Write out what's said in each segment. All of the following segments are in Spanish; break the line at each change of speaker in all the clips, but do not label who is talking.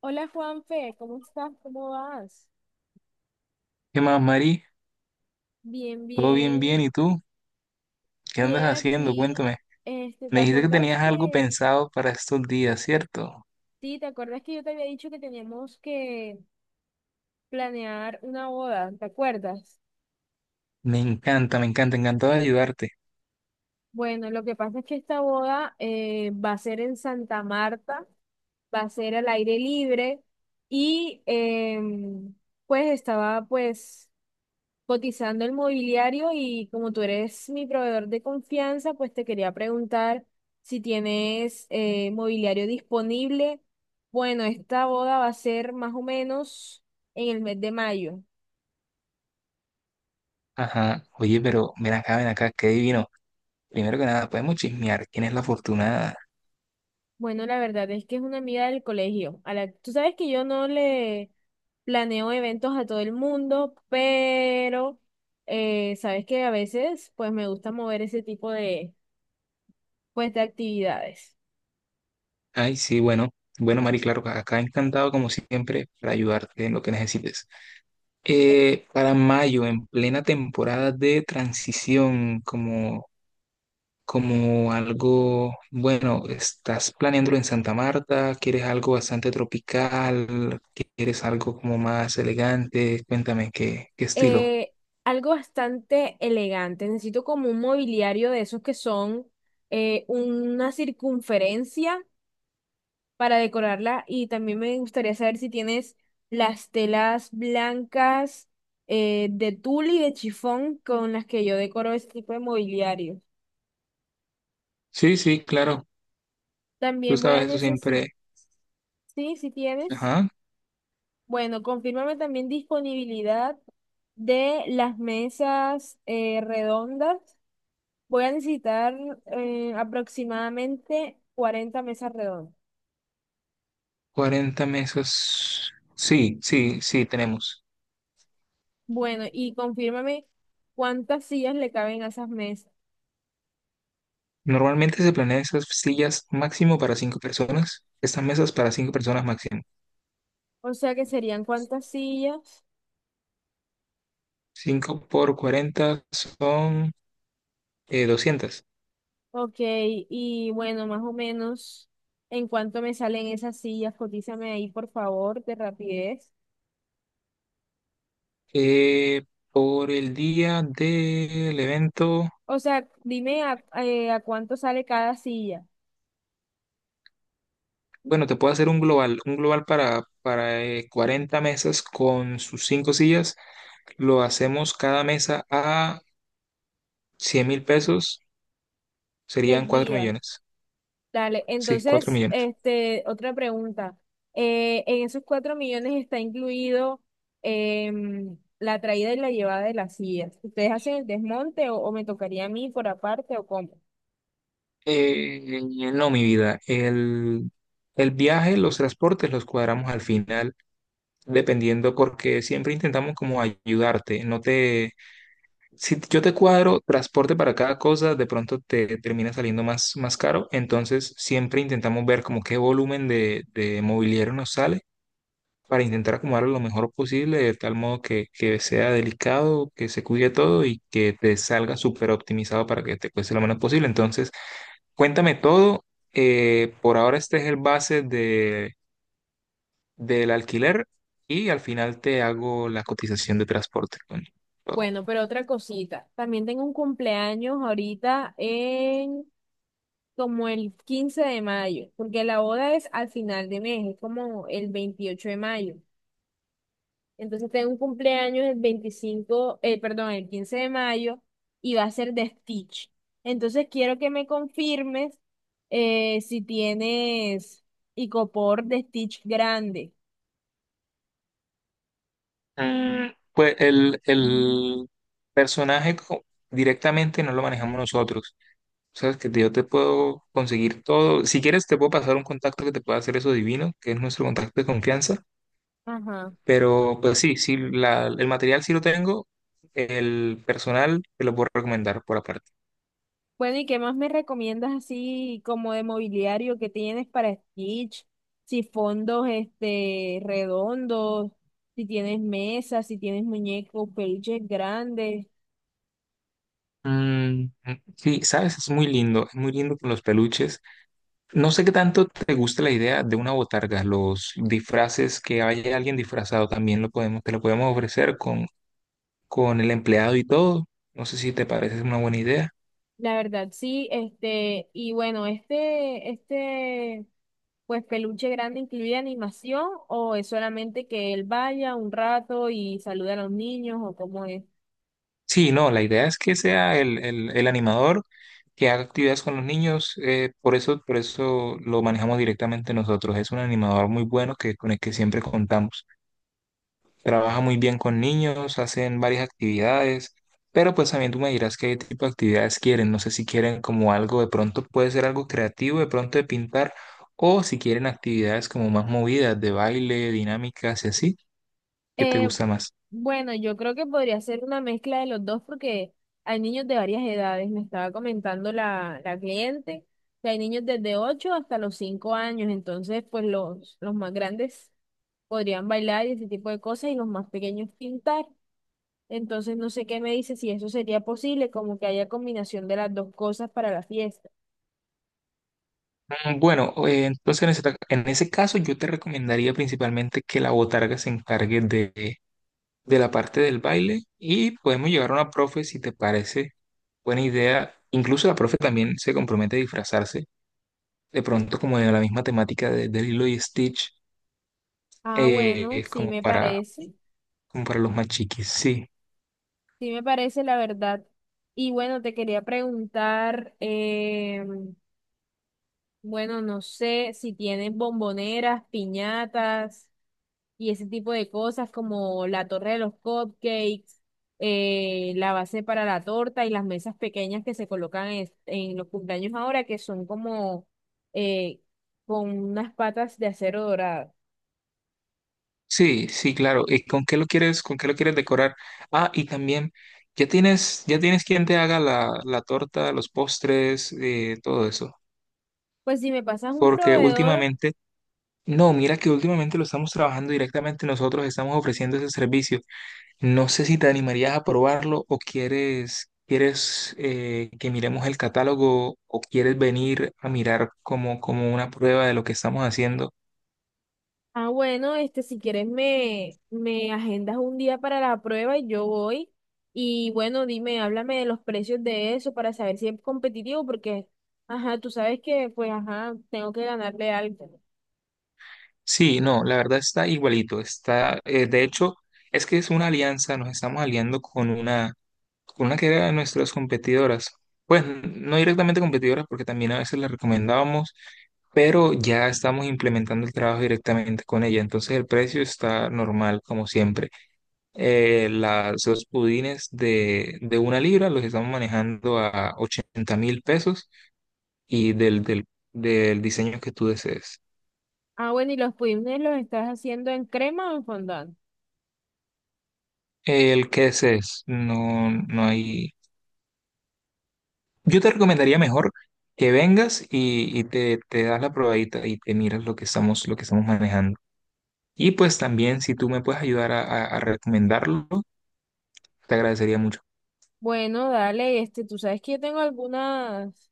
Hola Juanfe, ¿cómo estás? ¿Cómo vas?
¿Qué más, Mari?
Bien,
¿Todo bien,
bien,
bien? ¿Y tú? ¿Qué andas
bien
haciendo?
aquí.
Cuéntame.
Este, ¿te
Me dijiste que
acuerdas
tenías algo
que,
pensado para estos días, ¿cierto?
sí, te acuerdas que yo te había dicho que teníamos que planear una boda, ¿te acuerdas?
Me encanta, encantado de ayudarte.
Bueno, lo que pasa es que esta boda va a ser en Santa Marta, va a ser al aire libre y em, pues estaba pues cotizando el mobiliario, y como tú eres mi proveedor de confianza, pues te quería preguntar si tienes mobiliario disponible. Bueno, esta boda va a ser más o menos en el mes de mayo.
Ajá. Oye, pero ven acá, qué divino. Primero que nada, podemos chismear. ¿Quién es la afortunada?
Bueno, la verdad es que es una amiga del colegio. Tú sabes que yo no le planeo eventos a todo el mundo, pero sabes que a veces pues me gusta mover ese tipo de, pues, de actividades.
Ay, sí, bueno. Bueno, Mari, claro, acá encantado como siempre para ayudarte en lo que necesites. Para mayo, en plena temporada de transición, como. Como algo, bueno, estás planeándolo en Santa Marta, quieres algo bastante tropical, quieres algo como más elegante, cuéntame qué estilo.
eh, Algo bastante elegante. Necesito como un mobiliario de esos que son una circunferencia para decorarla, y también me gustaría saber si tienes las telas blancas de tul y de chifón con las que yo decoro este tipo de mobiliario.
Sí, sí, claro, tú
También voy a
sabes eso
necesitar,
siempre.
sí, si tienes.
Ajá,
Bueno, confírmame también disponibilidad de las mesas redondas. Voy a necesitar aproximadamente 40 mesas redondas.
cuarenta mesas. Sí, sí, sí, tenemos.
Bueno, y confírmame cuántas sillas le caben a esas mesas.
Normalmente se planean esas sillas máximo para cinco personas, estas mesas para cinco personas máximo.
O sea, que serían cuántas sillas.
Cinco por 40 son 200.
Ok, y bueno, más o menos en cuánto me salen esas sillas. Cotízame ahí, por favor, de rapidez.
Eh, por el día del evento,
O sea, dime a cuánto sale cada silla
bueno, te puedo hacer un global para, para 40 mesas con sus cinco sillas. Lo hacemos cada mesa a 100 mil pesos,
el
serían 4
día.
millones.
Dale,
Sí, 4
entonces,
millones.
este, otra pregunta. ¿En esos 4 millones está incluido la traída y la llevada de las sillas? ¿Ustedes hacen el desmonte o me tocaría a mí por aparte o cómo?
Eh, no, mi vida, el viaje, los transportes los cuadramos al final, dependiendo, porque siempre intentamos como ayudarte, no te. Si yo te cuadro transporte para cada cosa, de pronto te termina saliendo más, más caro. Entonces, siempre intentamos ver como qué volumen de mobiliario nos sale para intentar acomodarlo lo mejor posible, de tal modo que sea delicado, que se cuide todo y que te salga súper optimizado para que te cueste lo menos posible. Entonces, cuéntame todo. Por ahora este es el base del alquiler y al final te hago la cotización de transporte con todo.
Bueno, pero otra cosita. También tengo un cumpleaños ahorita en como el 15 de mayo, porque la boda es al final de mes, es como el 28 de mayo. Entonces tengo un cumpleaños el 25, perdón, el 15 de mayo, y va a ser de Stitch. Entonces quiero que me confirmes si tienes icopor de Stitch grande.
Pues el personaje directamente no lo manejamos nosotros. Sabes que yo te puedo conseguir todo. Si quieres, te puedo pasar un contacto que te pueda hacer eso divino, que es nuestro contacto de confianza.
Ajá.
Pero pues sí, sí, el material sí lo tengo. El personal te lo puedo recomendar por aparte.
Bueno, ¿y qué más me recomiendas así como de mobiliario que tienes para Stitch? Si fondos este redondos, si tienes mesas, si tienes muñecos, peluches grandes.
Mm, sí, sabes, es muy lindo. Es muy lindo con los peluches. No sé qué tanto te gusta la idea de una botarga, los disfraces que haya alguien disfrazado también lo podemos, te lo podemos ofrecer con el empleado y todo. No sé si te parece una buena idea.
La verdad, sí, este, y bueno, este, pues peluche grande incluye animación, o es solamente que él vaya un rato y salude a los niños, o cómo es.
Sí, no, la idea es que sea el animador que haga actividades con los niños, por eso lo manejamos directamente nosotros. Es un animador muy bueno que, con el que siempre contamos. Trabaja muy bien con niños, hacen varias actividades, pero pues también tú me dirás qué tipo de actividades quieren, no sé si quieren como algo de pronto puede ser algo creativo, de pronto de pintar, o si quieren actividades como más movidas, de baile, dinámicas y así, ¿qué te
Eh,
gusta más?
bueno, yo creo que podría ser una mezcla de los dos, porque hay niños de varias edades, me estaba comentando la cliente, que hay niños desde 8 hasta los 5 años, entonces pues los más grandes podrían bailar y ese tipo de cosas, y los más pequeños pintar. Entonces no sé qué me dice si eso sería posible, como que haya combinación de las dos cosas para la fiesta.
Bueno, entonces en en ese caso yo te recomendaría principalmente que la botarga se encargue de la parte del baile y podemos llevar a una profe si te parece buena idea. Incluso la profe también se compromete a disfrazarse de pronto como de la misma temática de Lilo y Stitch,
Ah, bueno,
como para, como para los más chiquis. Sí,
sí me parece la verdad. Y bueno, te quería preguntar, bueno, no sé si tienen bomboneras, piñatas, y ese tipo de cosas como la torre de los cupcakes, la base para la torta y las mesas pequeñas que se colocan en los cumpleaños ahora, que son como eh, con unas patas de acero dorado.
sí, sí, claro. ¿Y con qué lo quieres, con qué lo quieres decorar? Ah, y también, ya tienes quien te haga la torta, los postres, todo eso?
Pues si me pasas un
Porque
proveedor,
últimamente, no, mira que últimamente lo estamos trabajando directamente nosotros, estamos ofreciendo ese servicio. No sé si te animarías a probarlo o quieres, quieres que miremos el catálogo o quieres venir a mirar como, como una prueba de lo que estamos haciendo.
ah, bueno, este, si quieres me agendas un día para la prueba y yo voy. Y bueno, dime, háblame de los precios de eso para saber si es competitivo, porque, ajá, tú sabes que, pues, ajá, tengo que ganarle algo.
Sí, no, la verdad está igualito. Está, de hecho, es que es una alianza, nos estamos aliando con una que era de nuestras competidoras. Pues no directamente competidoras, porque también a veces las recomendábamos, pero ya estamos implementando el trabajo directamente con ella. Entonces el precio está normal, como siempre. Las, los pudines de una libra los estamos manejando a 80 mil pesos y del diseño que tú desees.
Ah, bueno, ¿y los pudines los estás haciendo en crema o en fondant?
El que desees, no, no hay... Yo te recomendaría mejor que vengas y, te das la probadita y te miras lo que estamos manejando. Y pues también si tú me puedes ayudar a, a recomendarlo, te agradecería mucho.
Bueno, dale, este, tú sabes que yo tengo algunas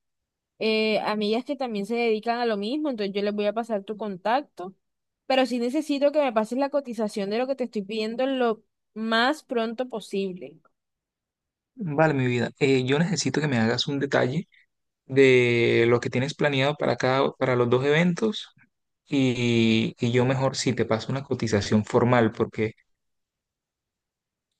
amigas que también se dedican a lo mismo, entonces yo les voy a pasar tu contacto, pero sí necesito que me pases la cotización de lo que te estoy pidiendo lo más pronto posible.
Vale, mi vida, yo necesito que me hagas un detalle de lo que tienes planeado para cada, para los dos eventos y yo mejor si te paso una cotización formal, porque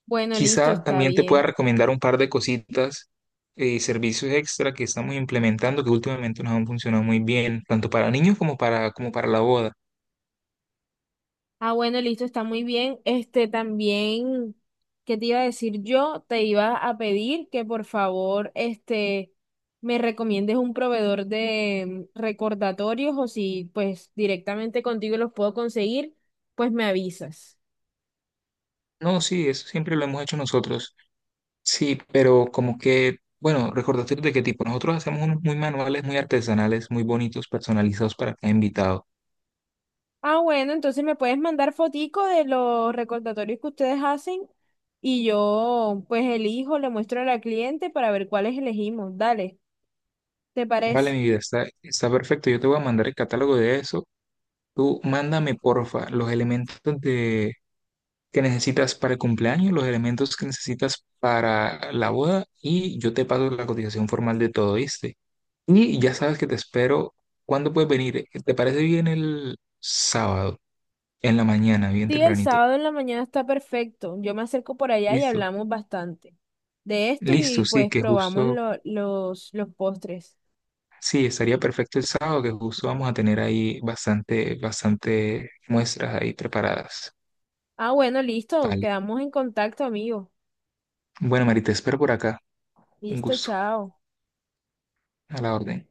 Bueno, listo,
quizá
está
también te pueda
bien.
recomendar un par de cositas y servicios extra que estamos implementando que últimamente nos han funcionado muy bien, tanto para niños como para, como para la boda.
Ah, bueno, listo, está muy bien. Este también, ¿qué te iba a decir yo? Te iba a pedir que por favor, este, me recomiendes un proveedor de recordatorios, o si pues directamente contigo los puedo conseguir, pues me avisas.
No, sí, eso siempre lo hemos hecho nosotros. Sí, pero como que, bueno, recordatorio de qué tipo. Nosotros hacemos unos muy manuales, muy artesanales, muy bonitos, personalizados para cada invitado.
Ah, bueno, entonces me puedes mandar fotico de los recordatorios que ustedes hacen y yo pues elijo, le muestro a la cliente para ver cuáles elegimos. Dale, ¿te
Vale,
parece?
mi vida, está, está perfecto. Yo te voy a mandar el catálogo de eso. Tú mándame, porfa, los elementos de, que necesitas para el cumpleaños, los elementos que necesitas para la boda y yo te paso la cotización formal de todo, ¿viste? Y ya sabes que te espero. ¿Cuándo puedes venir? ¿Te parece bien el sábado, en la mañana, bien
Sí, el
tempranito?
sábado en la mañana está perfecto. Yo me acerco por allá y
Listo.
hablamos bastante de esto y
Listo, sí,
pues
que
probamos
justo,
los postres.
sí, estaría perfecto el sábado, que justo vamos a tener ahí bastante muestras ahí preparadas.
Ah, bueno, listo.
Vale.
Quedamos en contacto, amigo.
Bueno, Mari, te espero por acá. Un
Listo,
gusto.
chao.
A la orden.